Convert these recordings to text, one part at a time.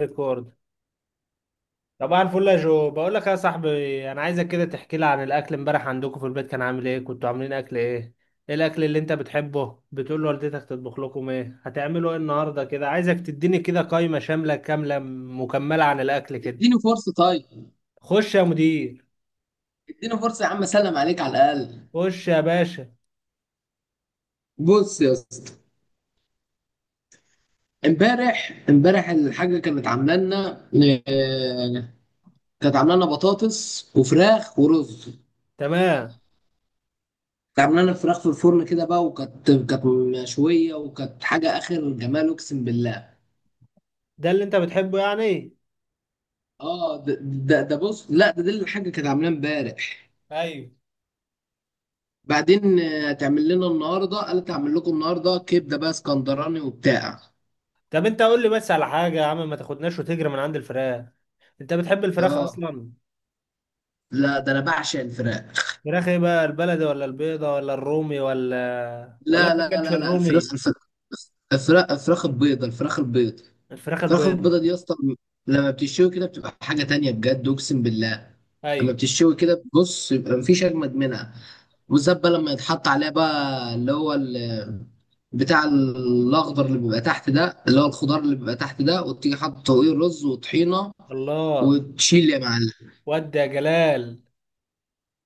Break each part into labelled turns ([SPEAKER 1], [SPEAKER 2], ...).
[SPEAKER 1] ريكورد. طبعا الفل يا جو، بقول لك يا صاحبي، انا عايزك كده تحكي لي عن الاكل امبارح عندكم في البيت كان عامل ايه، كنتوا عاملين اكل ايه؟ ايه الاكل اللي انت بتحبه؟ بتقول لوالدتك تطبخ لكم ايه؟ هتعملوا ايه النهارده؟ كده عايزك تديني كده قائمة شاملة كاملة مكملة عن الاكل كده.
[SPEAKER 2] اديني فرصه طيب.
[SPEAKER 1] خش يا مدير.
[SPEAKER 2] اديني فرصه يا عم، اسلم عليك على الاقل.
[SPEAKER 1] خش يا باشا.
[SPEAKER 2] بص يا اسطى. امبارح الحاجه آه، كانت عامله لنا بطاطس وفراخ ورز.
[SPEAKER 1] تمام.
[SPEAKER 2] كانت عامله لنا فراخ في الفرن كده بقى، وكانت كانت مشويه، وكانت حاجه اخر جمال، اقسم بالله.
[SPEAKER 1] ده اللي انت بتحبه يعني؟
[SPEAKER 2] اه، ده بص. لا، ده دي الحاجه كانت عاملاه امبارح.
[SPEAKER 1] ايوه.
[SPEAKER 2] بعدين هتعمل لنا النهارده. قالت هعمل لكم النهارده كبده بقى اسكندراني وبتاع.
[SPEAKER 1] طب انت قول لي بس على حاجة يا عم، ما تاخدناش وتجري من عند الفراخ. انت بتحب الفراخ
[SPEAKER 2] اه.
[SPEAKER 1] اصلا؟
[SPEAKER 2] لا ده انا بعشق الفراخ.
[SPEAKER 1] فراخ ايه بقى؟ البلدي ولا البيضة ولا الرومي ولا
[SPEAKER 2] لا
[SPEAKER 1] انت ما
[SPEAKER 2] لا
[SPEAKER 1] كانش
[SPEAKER 2] لا لا، الفراخ
[SPEAKER 1] الرومي؟
[SPEAKER 2] الفراخ. الفراخ الفراخ البيضة. الفراخ البيض.
[SPEAKER 1] الفراخ
[SPEAKER 2] الفراخ
[SPEAKER 1] البيضة.
[SPEAKER 2] البيضة دي يا اسطى. لما بتشوي كده بتبقى حاجة تانية، بجد أقسم بالله. لما
[SPEAKER 1] ايوه.
[SPEAKER 2] بتشوي كده، بص، يبقى مفيش أجمد منها. بالذات بقى لما يتحط عليها بقى، اللي هو بتاع الأخضر اللي بيبقى تحت ده، اللي هو الخضار اللي بيبقى تحت ده، وتيجي حاطط فوقيه رز وطحينة،
[SPEAKER 1] الله.
[SPEAKER 2] وتشيل يا معلم.
[SPEAKER 1] ودي يا جلال.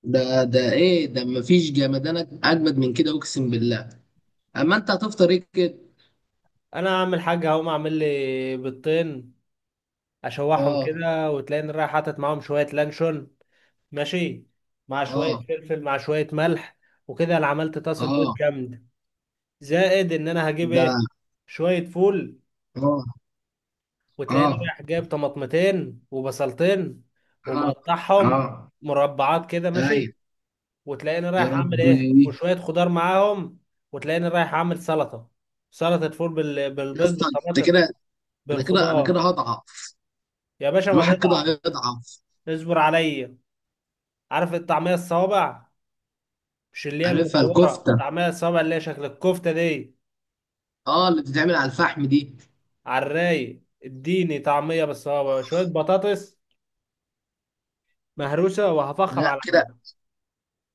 [SPEAKER 2] ده إيه ده؟ مفيش جمدانك أجمد من كده، أقسم بالله. أما أنت هتفطر إيه كده؟
[SPEAKER 1] انا هعمل حاجة، هقوم اعمل لي بيضتين، اشوحهم
[SPEAKER 2] آه.
[SPEAKER 1] كده وتلاقيني رايح حاطط معاهم شوية لانشون. ماشي. مع شوية
[SPEAKER 2] آه.
[SPEAKER 1] فلفل مع شوية ملح. وكده انا عملت طاسة بيض
[SPEAKER 2] اه.
[SPEAKER 1] جامدة. زائد ان انا هجيب
[SPEAKER 2] ده.
[SPEAKER 1] ايه؟ شوية فول.
[SPEAKER 2] اه.
[SPEAKER 1] وتلاقيني
[SPEAKER 2] اه.
[SPEAKER 1] رايح جايب طماطمتين وبصلتين
[SPEAKER 2] اه. اه.
[SPEAKER 1] ومقطعهم مربعات كده.
[SPEAKER 2] ايوه.
[SPEAKER 1] ماشي. وتلاقيني
[SPEAKER 2] يا
[SPEAKER 1] رايح اعمل ايه؟
[SPEAKER 2] ربي،
[SPEAKER 1] وشويه خضار معاهم. وتلاقيني رايح اعمل سلطه، سلطه فول
[SPEAKER 2] يا
[SPEAKER 1] بالبيض
[SPEAKER 2] اسطى انت
[SPEAKER 1] بالطماطم
[SPEAKER 2] كده، انا كده انا كده
[SPEAKER 1] بالخضار.
[SPEAKER 2] هضعف.
[SPEAKER 1] يا باشا ما
[SPEAKER 2] الواحد كده
[SPEAKER 1] تقطع.
[SPEAKER 2] هيضعف.
[SPEAKER 1] اصبر عليا. عارف الطعميه الصوابع؟ مش اللي هي
[SPEAKER 2] عارفها
[SPEAKER 1] المدوره،
[SPEAKER 2] الكفته.
[SPEAKER 1] طعميه الصوابع اللي هي شكل الكفته دي.
[SPEAKER 2] اه، اللي بتتعمل على الفحم دي.
[SPEAKER 1] على الرايق. اديني طعميه بالصوابع، شويه بطاطس مهروسه، وهفخم
[SPEAKER 2] لا
[SPEAKER 1] على
[SPEAKER 2] كده.
[SPEAKER 1] العمل.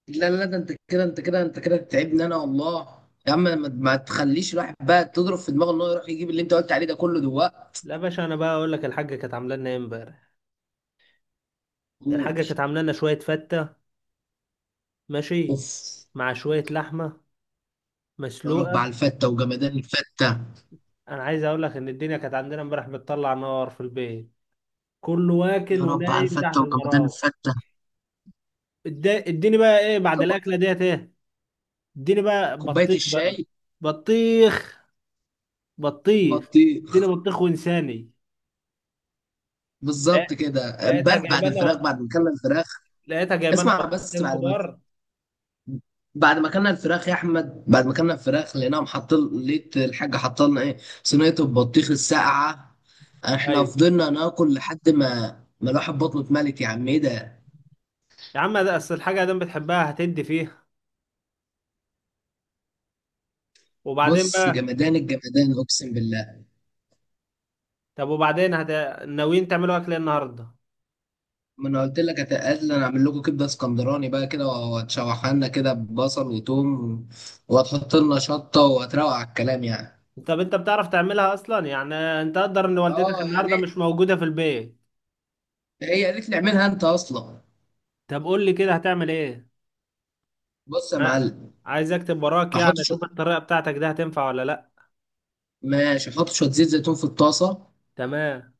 [SPEAKER 2] لا لا، ده انت كده انت كده انت كده بتتعبني انا، والله. يا عم، ما تخليش الواحد بقى تضرب في دماغه ان هو يروح يجيب اللي انت قلت عليه ده كله دلوقتي.
[SPEAKER 1] لا يا باشا، انا بقى اقول لك الحاجه كانت عامله لنا ايه امبارح. الحاجه كانت عامله لنا شويه فته. ماشي.
[SPEAKER 2] اوف.
[SPEAKER 1] مع شويه لحمه
[SPEAKER 2] يا رب
[SPEAKER 1] مسلوقه.
[SPEAKER 2] على الفته وجمدان الفته.
[SPEAKER 1] انا عايز اقول لك ان الدنيا كانت عندنا امبارح بتطلع نار في البيت. كله
[SPEAKER 2] يا
[SPEAKER 1] واكل
[SPEAKER 2] رب على
[SPEAKER 1] ونايم
[SPEAKER 2] الفته
[SPEAKER 1] تحت
[SPEAKER 2] وجمدان
[SPEAKER 1] المراوح.
[SPEAKER 2] الفته.
[SPEAKER 1] إد- اديني بقى ايه بعد
[SPEAKER 2] طب
[SPEAKER 1] الاكله ديت ايه؟ اديني بقى
[SPEAKER 2] كوبايه
[SPEAKER 1] بطيخ بقى.
[SPEAKER 2] الشاي.
[SPEAKER 1] بطيخ. بطيخ.
[SPEAKER 2] بطيخ.
[SPEAKER 1] اديني بطيخ وانساني. لا.
[SPEAKER 2] بالظبط كده،
[SPEAKER 1] لقيتها
[SPEAKER 2] امبارح بعد
[SPEAKER 1] جايبه
[SPEAKER 2] الفراخ،
[SPEAKER 1] لنا
[SPEAKER 2] بعد ما اكلنا الفراخ.
[SPEAKER 1] لقيتها جايبه لنا
[SPEAKER 2] اسمع بس،
[SPEAKER 1] بطيختين
[SPEAKER 2] بعد ما
[SPEAKER 1] كبار.
[SPEAKER 2] بعد ما اكلنا الفراخ يا احمد. بعد ما اكلنا الفراخ لقيناهم حاطين. لقيت الحاجه حاطه لنا ايه؟ صينيه البطيخ الساقعه. احنا
[SPEAKER 1] ايوه.
[SPEAKER 2] فضلنا ناكل لحد ما الواحد بطنه اتملت. يا عم ايه ده.
[SPEAKER 1] يا عم ده اصل الحاجه دام بتحبها هتدي فيها. وبعدين
[SPEAKER 2] بص،
[SPEAKER 1] بقى.
[SPEAKER 2] جمدان الجمدان، اقسم بالله.
[SPEAKER 1] طب وبعدين ناويين تعملوا اكل إيه النهارده؟
[SPEAKER 2] ما انا قلت لك، هتقل انا اعمل لكم كبده اسكندراني بقى كده، وهتشوحها لنا كده ببصل وتوم، وهتحط لنا شطه وهتروق على الكلام يعني.
[SPEAKER 1] طب انت بتعرف تعملها اصلا يعني؟ انت قدر ان والدتك
[SPEAKER 2] اه يعني،
[SPEAKER 1] النهارده مش موجوده في البيت؟
[SPEAKER 2] هي قالت لي اعملها انت اصلا.
[SPEAKER 1] طب قول لي كده هتعمل ايه؟
[SPEAKER 2] بص يا
[SPEAKER 1] ما
[SPEAKER 2] معلم.
[SPEAKER 1] عايز اكتب وراك
[SPEAKER 2] احط
[SPEAKER 1] يعني، اشوف
[SPEAKER 2] شويه.
[SPEAKER 1] الطريقه بتاعتك دي هتنفع ولا لا.
[SPEAKER 2] ماشي. احط شويه زيت زيتون في الطاسه.
[SPEAKER 1] تمام.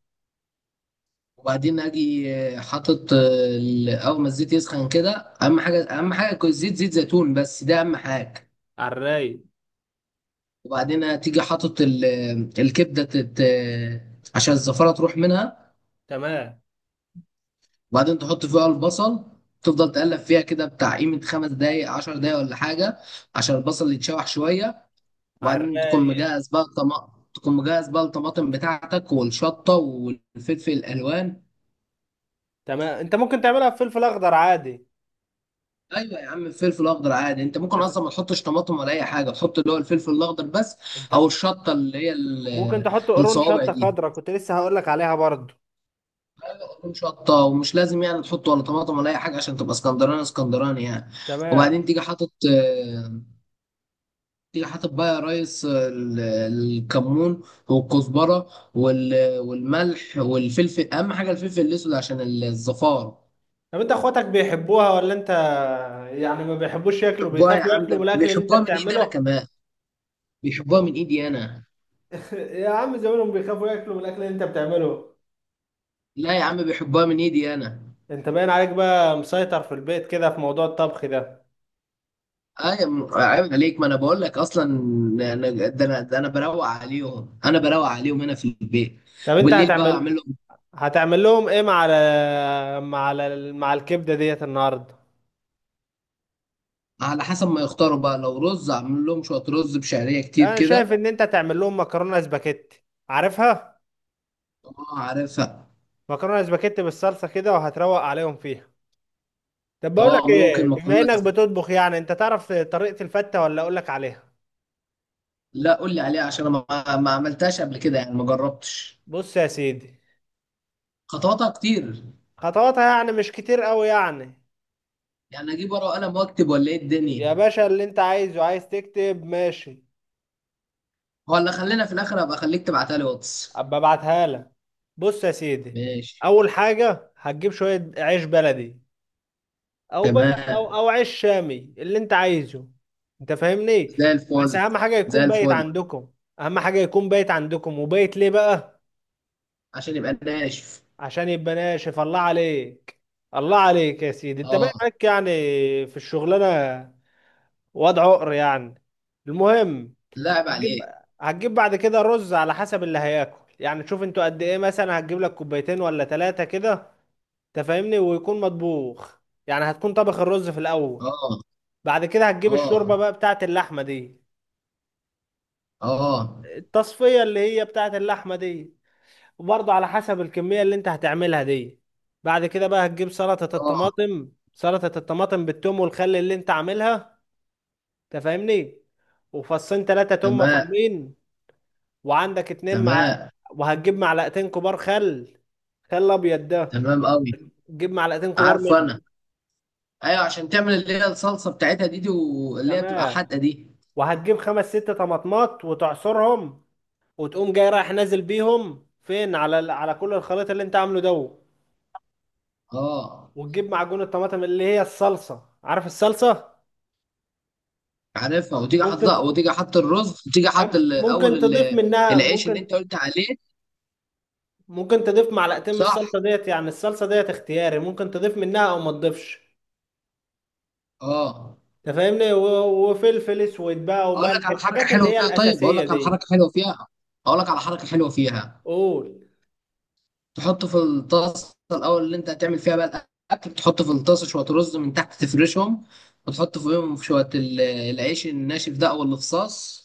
[SPEAKER 2] وبعدين اجي حاطط اول ما الزيت يسخن كده. اهم حاجه يكون الزيت زيت زيتون بس، ده اهم حاجه.
[SPEAKER 1] على الرايق.
[SPEAKER 2] وبعدين تيجي حاطط الكبده تت... آه، عشان الزفره تروح منها.
[SPEAKER 1] تمام.
[SPEAKER 2] وبعدين تحط فيها البصل، تفضل تقلب فيها كده بتاع قيمه 5 دقايق 10 دقايق ولا حاجه، عشان البصل يتشوح شويه.
[SPEAKER 1] على
[SPEAKER 2] وبعدين
[SPEAKER 1] الرايق.
[SPEAKER 2] تكون مجهز بقى الطماطم بتاعتك والشطة والفلفل الألوان.
[SPEAKER 1] تمام. انت ممكن تعملها بفلفل اخضر عادي.
[SPEAKER 2] أيوة يا عم، الفلفل الأخضر عادي. أنت
[SPEAKER 1] انت
[SPEAKER 2] ممكن
[SPEAKER 1] ف-
[SPEAKER 2] أصلا ما تحطش طماطم ولا أي حاجة، تحط اللي هو الفلفل الأخضر بس.
[SPEAKER 1] انت
[SPEAKER 2] أو الشطة اللي هي
[SPEAKER 1] ممكن تحط قرون
[SPEAKER 2] الصوابع
[SPEAKER 1] شطه
[SPEAKER 2] دي،
[SPEAKER 1] خضراء، كنت لسه هقول لك عليها برضه.
[SPEAKER 2] تكون شطة. ومش لازم يعني تحط ولا طماطم ولا أي حاجة عشان تبقى اسكندراني اسكندراني يعني.
[SPEAKER 1] تمام.
[SPEAKER 2] وبعدين تيجي حاطط تيجي حاطط بقى يا ريس الكمون والكزبرة والملح والفلفل. أهم حاجة الفلفل الأسود عشان الزفار.
[SPEAKER 1] طب انت اخواتك بيحبوها ولا انت يعني ما بيحبوش ياكلوا،
[SPEAKER 2] بيحبوها يا
[SPEAKER 1] بيخافوا
[SPEAKER 2] عم،
[SPEAKER 1] ياكلوا من
[SPEAKER 2] ده
[SPEAKER 1] الاكل اللي انت
[SPEAKER 2] بيحبوها من ايدي انا
[SPEAKER 1] بتعمله؟
[SPEAKER 2] كمان. بيحبوها
[SPEAKER 1] هم-
[SPEAKER 2] من ايدي انا.
[SPEAKER 1] يا عم زمانهم بيخافوا ياكلوا من الاكل اللي انت بتعمله.
[SPEAKER 2] لا يا عم، بيحبوها من ايدي انا.
[SPEAKER 1] انت باين عليك بقى مسيطر في البيت كده في موضوع الطبخ ده.
[SPEAKER 2] ايوه، عيب عليك، ما انا بقول لك اصلا. ده انا بروق عليهم، انا بروق عليهم هنا في البيت.
[SPEAKER 1] طب انت
[SPEAKER 2] بالليل بقى
[SPEAKER 1] هتعمل
[SPEAKER 2] اعمل لهم،
[SPEAKER 1] هتعمل لهم ايه مع الكبده ديت النهارده؟
[SPEAKER 2] على حسب ما يختاروا بقى. لو رز، اعمل لهم شويه رز بشعريه كتير
[SPEAKER 1] انا شايف
[SPEAKER 2] كده.
[SPEAKER 1] ان انت هتعمل لهم مكرونه سباكيتي، عارفها؟
[SPEAKER 2] اه، عارفها.
[SPEAKER 1] مكرونه سباكيتي بالصلصه كده وهتروق عليهم فيها. طب بقول لك
[SPEAKER 2] اه،
[SPEAKER 1] ايه،
[SPEAKER 2] ممكن
[SPEAKER 1] بما
[SPEAKER 2] مكرونه
[SPEAKER 1] انك بتطبخ يعني انت تعرف طريقه الفته ولا اقول لك عليها؟
[SPEAKER 2] لا، قول لي عليها، عشان انا ما عملتهاش قبل كده يعني، ما جربتش.
[SPEAKER 1] بص يا سيدي.
[SPEAKER 2] خطواتها كتير
[SPEAKER 1] خطواتها يعني مش كتير قوي يعني.
[SPEAKER 2] يعني. اجيب ورقه وقلم واكتب ولا ايه الدنيا؟
[SPEAKER 1] يا باشا اللي انت عايزه، عايز تكتب ماشي.
[SPEAKER 2] ولا خلينا في الاخر ابقى اخليك تبعتها لي واتس.
[SPEAKER 1] ابقى ابعتها لك. بص يا سيدي.
[SPEAKER 2] ماشي.
[SPEAKER 1] اول حاجه هتجيب شويه عيش بلدي، او بقى او
[SPEAKER 2] تمام.
[SPEAKER 1] او عيش شامي اللي انت عايزه. انت فاهمني؟
[SPEAKER 2] زي
[SPEAKER 1] بس
[SPEAKER 2] الفل.
[SPEAKER 1] اهم حاجه
[SPEAKER 2] زي
[SPEAKER 1] يكون بايت
[SPEAKER 2] الفل.
[SPEAKER 1] عندكم. اهم حاجه يكون بايت عندكم. وبايت ليه بقى؟
[SPEAKER 2] عشان يبقى ناشف.
[SPEAKER 1] عشان يبقى ناشف. الله عليك. الله عليك يا سيدي، انت باين
[SPEAKER 2] اه.
[SPEAKER 1] عليك يعني في الشغلانه. وضع عقر يعني. المهم.
[SPEAKER 2] لعب
[SPEAKER 1] هتجيب
[SPEAKER 2] عليك.
[SPEAKER 1] هتجيب بعد كده رز على حسب اللي هياكل يعني، شوف انتوا قد ايه، مثلا هتجيب لك كوبايتين ولا ثلاثه كده. انت فاهمني؟ ويكون مطبوخ، يعني هتكون طبخ الرز في الاول.
[SPEAKER 2] اه.
[SPEAKER 1] بعد كده هتجيب الشوربة
[SPEAKER 2] اه.
[SPEAKER 1] بقى بتاعت اللحمة دي،
[SPEAKER 2] اه.
[SPEAKER 1] التصفية اللي هي بتاعت اللحمة دي. وبرضه على حسب الكمية اللي انت هتعملها دي. بعد كده بقى هتجيب سلطة
[SPEAKER 2] اه.
[SPEAKER 1] الطماطم، سلطة الطماطم بالثوم والخل اللي انت عاملها. تفهمني؟ وفصين ثلاثة توم
[SPEAKER 2] تمام.
[SPEAKER 1] مفرومين، وعندك اتنين مع.
[SPEAKER 2] تمام.
[SPEAKER 1] وهتجيب معلقتين كبار خل، خل ابيض ده.
[SPEAKER 2] تمام قوي.
[SPEAKER 1] تجيب معلقتين كبار
[SPEAKER 2] عارفه
[SPEAKER 1] منه.
[SPEAKER 2] انا. ايوه، عشان تعمل اللي هي الصلصه بتاعتها دي، واللي هي بتبقى
[SPEAKER 1] تمام.
[SPEAKER 2] حادقه دي.
[SPEAKER 1] وهتجيب خمس ست طماطمات وتعصرهم. وتقوم جاي رايح نازل بيهم فين على على كل الخليط اللي انت عامله ده.
[SPEAKER 2] اه
[SPEAKER 1] وتجيب معجون الطماطم اللي هي الصلصة، عارف الصلصة؟
[SPEAKER 2] عارفها. وتيجي حاطط
[SPEAKER 1] ممكن
[SPEAKER 2] وتيجي حاط الرز، وتيجي حاط
[SPEAKER 1] ممكن تضيف منها،
[SPEAKER 2] العيش اللي انت
[SPEAKER 1] ممكن
[SPEAKER 2] قلت عليه.
[SPEAKER 1] ممكن تضيف معلقتين من
[SPEAKER 2] صح.
[SPEAKER 1] الصلصة ديت، يعني الصلصة ديت اختياري، ممكن تضيف منها او ما تضيفش.
[SPEAKER 2] اه.
[SPEAKER 1] انت فاهمني؟ وفلفل اسود بقى
[SPEAKER 2] اقول لك
[SPEAKER 1] وملح،
[SPEAKER 2] على حركه
[SPEAKER 1] الحاجات اللي
[SPEAKER 2] حلوه
[SPEAKER 1] هي
[SPEAKER 2] فيها، طيب. اقول
[SPEAKER 1] الأساسية
[SPEAKER 2] لك على
[SPEAKER 1] دي.
[SPEAKER 2] حركه حلوه فيها. اقول لك على حركه حلوه فيها.
[SPEAKER 1] قول.
[SPEAKER 2] تحط في الطاسه الاول اللي انت هتعمل فيها بقى الاكل. تحط في الطاسه شويه رز من تحت، تفرشهم. وتحط فوقهم شويه العيش الناشف ده او الخصاص.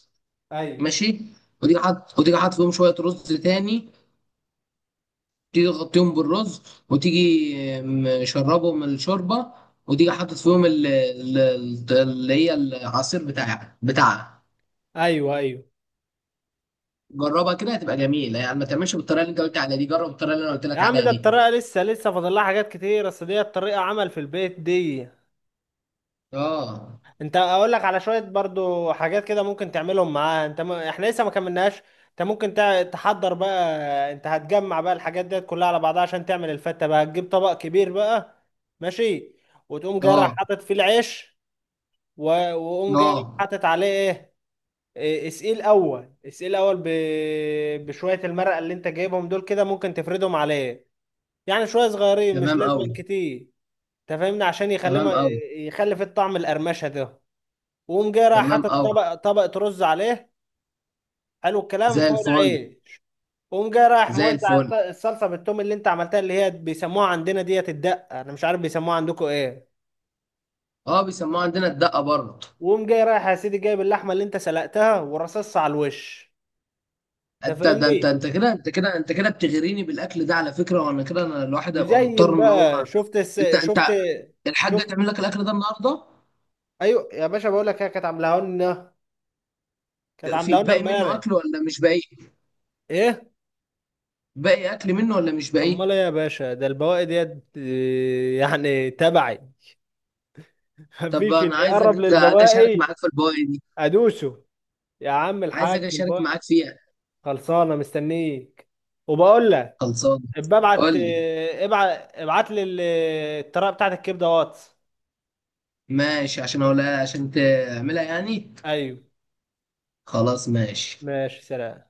[SPEAKER 1] ايوه.
[SPEAKER 2] ماشي. وتيجي حاطط فيهم شويه رز تاني. تيجي تغطيهم بالرز. وتيجي مشربهم الشوربه. وتيجي حاطط فيهم اللي هي العصير بتاعها.
[SPEAKER 1] ايوه. ايوه
[SPEAKER 2] جربها كده هتبقى جميله يعني. ما تعملش بالطريقه اللي انت قلت عليها دي، جرب الطريقه اللي انا قلت
[SPEAKER 1] يا
[SPEAKER 2] لك
[SPEAKER 1] عم،
[SPEAKER 2] عليها
[SPEAKER 1] ده
[SPEAKER 2] دي.
[SPEAKER 1] الطريقة لسه لسه فاضل لها حاجات كتير، اصل ديت طريقة عمل في البيت دي.
[SPEAKER 2] اه.
[SPEAKER 1] انت اقول لك على شويه برضو حاجات كده ممكن تعملهم معاها. احنا لسه ما كملناش. انت ممكن تحضر بقى. انت هتجمع بقى الحاجات ديت كلها على بعضها عشان تعمل الفته بقى. هتجيب طبق كبير بقى. ماشي. وتقوم جاي رايح
[SPEAKER 2] اه.
[SPEAKER 1] حاطط فيه العيش و... وقوم جاي رايح
[SPEAKER 2] اه.
[SPEAKER 1] حاطط عليه ايه إيه، اسئيل اول بشويه المرقه اللي انت جايبهم دول كده، ممكن تفردهم عليه، يعني شويه صغيرين مش
[SPEAKER 2] تمام قوي.
[SPEAKER 1] لازم كتير. انت فاهمني؟ عشان يخلي
[SPEAKER 2] تمام
[SPEAKER 1] ما...
[SPEAKER 2] قوي.
[SPEAKER 1] يخلي في الطعم القرمشه ده. وقوم جاي رايح
[SPEAKER 2] تمام
[SPEAKER 1] حاطط
[SPEAKER 2] قوي.
[SPEAKER 1] طبق رز عليه. حلو الكلام
[SPEAKER 2] زي
[SPEAKER 1] فوق
[SPEAKER 2] الفل.
[SPEAKER 1] العيش. وقوم جاي رايح
[SPEAKER 2] زي
[SPEAKER 1] موزع
[SPEAKER 2] الفل.
[SPEAKER 1] الصلصه بالثوم اللي انت عملتها، اللي هي بيسموها عندنا ديت الدقه، انا مش عارف بيسموها عندكم ايه.
[SPEAKER 2] اه، بيسموها عندنا الدقه برضه.
[SPEAKER 1] وقوم جاي رايح يا سيدي جايب اللحمه اللي انت سلقتها ورصصها على الوش. انت
[SPEAKER 2] انت
[SPEAKER 1] فاهمني؟
[SPEAKER 2] انت كده، انت كده انت كده بتغريني بالاكل ده على فكره. وانا كده انا الواحد هيبقى
[SPEAKER 1] وزين
[SPEAKER 2] مضطر ان
[SPEAKER 1] بقى،
[SPEAKER 2] هو انت
[SPEAKER 1] شفت
[SPEAKER 2] الحاجه
[SPEAKER 1] شفت
[SPEAKER 2] هتعمل لك الاكل ده النهارده.
[SPEAKER 1] ايوه يا باشا بقول لك هي كانت عاملاها لنا، كانت
[SPEAKER 2] في
[SPEAKER 1] عاملاها لنا
[SPEAKER 2] باقي منه اكل
[SPEAKER 1] امبارح.
[SPEAKER 2] ولا مش باقي؟
[SPEAKER 1] ايه؟
[SPEAKER 2] باقي اكل منه ولا مش باقي؟
[SPEAKER 1] امال ايه يا باشا، ده البواقي ديت يعني تبعي.
[SPEAKER 2] طب
[SPEAKER 1] مفيش اللي
[SPEAKER 2] انا عايز
[SPEAKER 1] يقرب
[SPEAKER 2] اجي اشارك
[SPEAKER 1] للبواقي.
[SPEAKER 2] معاك في البواقي دي.
[SPEAKER 1] ادوسه. يا عم
[SPEAKER 2] عايز
[SPEAKER 1] الحاج
[SPEAKER 2] اجي اشارك
[SPEAKER 1] الباي.
[SPEAKER 2] معاك فيها.
[SPEAKER 1] خلصانه مستنيك. وبقول لك
[SPEAKER 2] خلصان.
[SPEAKER 1] ابقى
[SPEAKER 2] قول
[SPEAKER 1] ابعت
[SPEAKER 2] لي.
[SPEAKER 1] ابعت ابعت لي الطريقه بتاعت الكبده واتس.
[SPEAKER 2] ماشي، عشان اقولها عشان تعملها يعني.
[SPEAKER 1] ايوه.
[SPEAKER 2] خلاص، ماشي.
[SPEAKER 1] ماشي. سلام.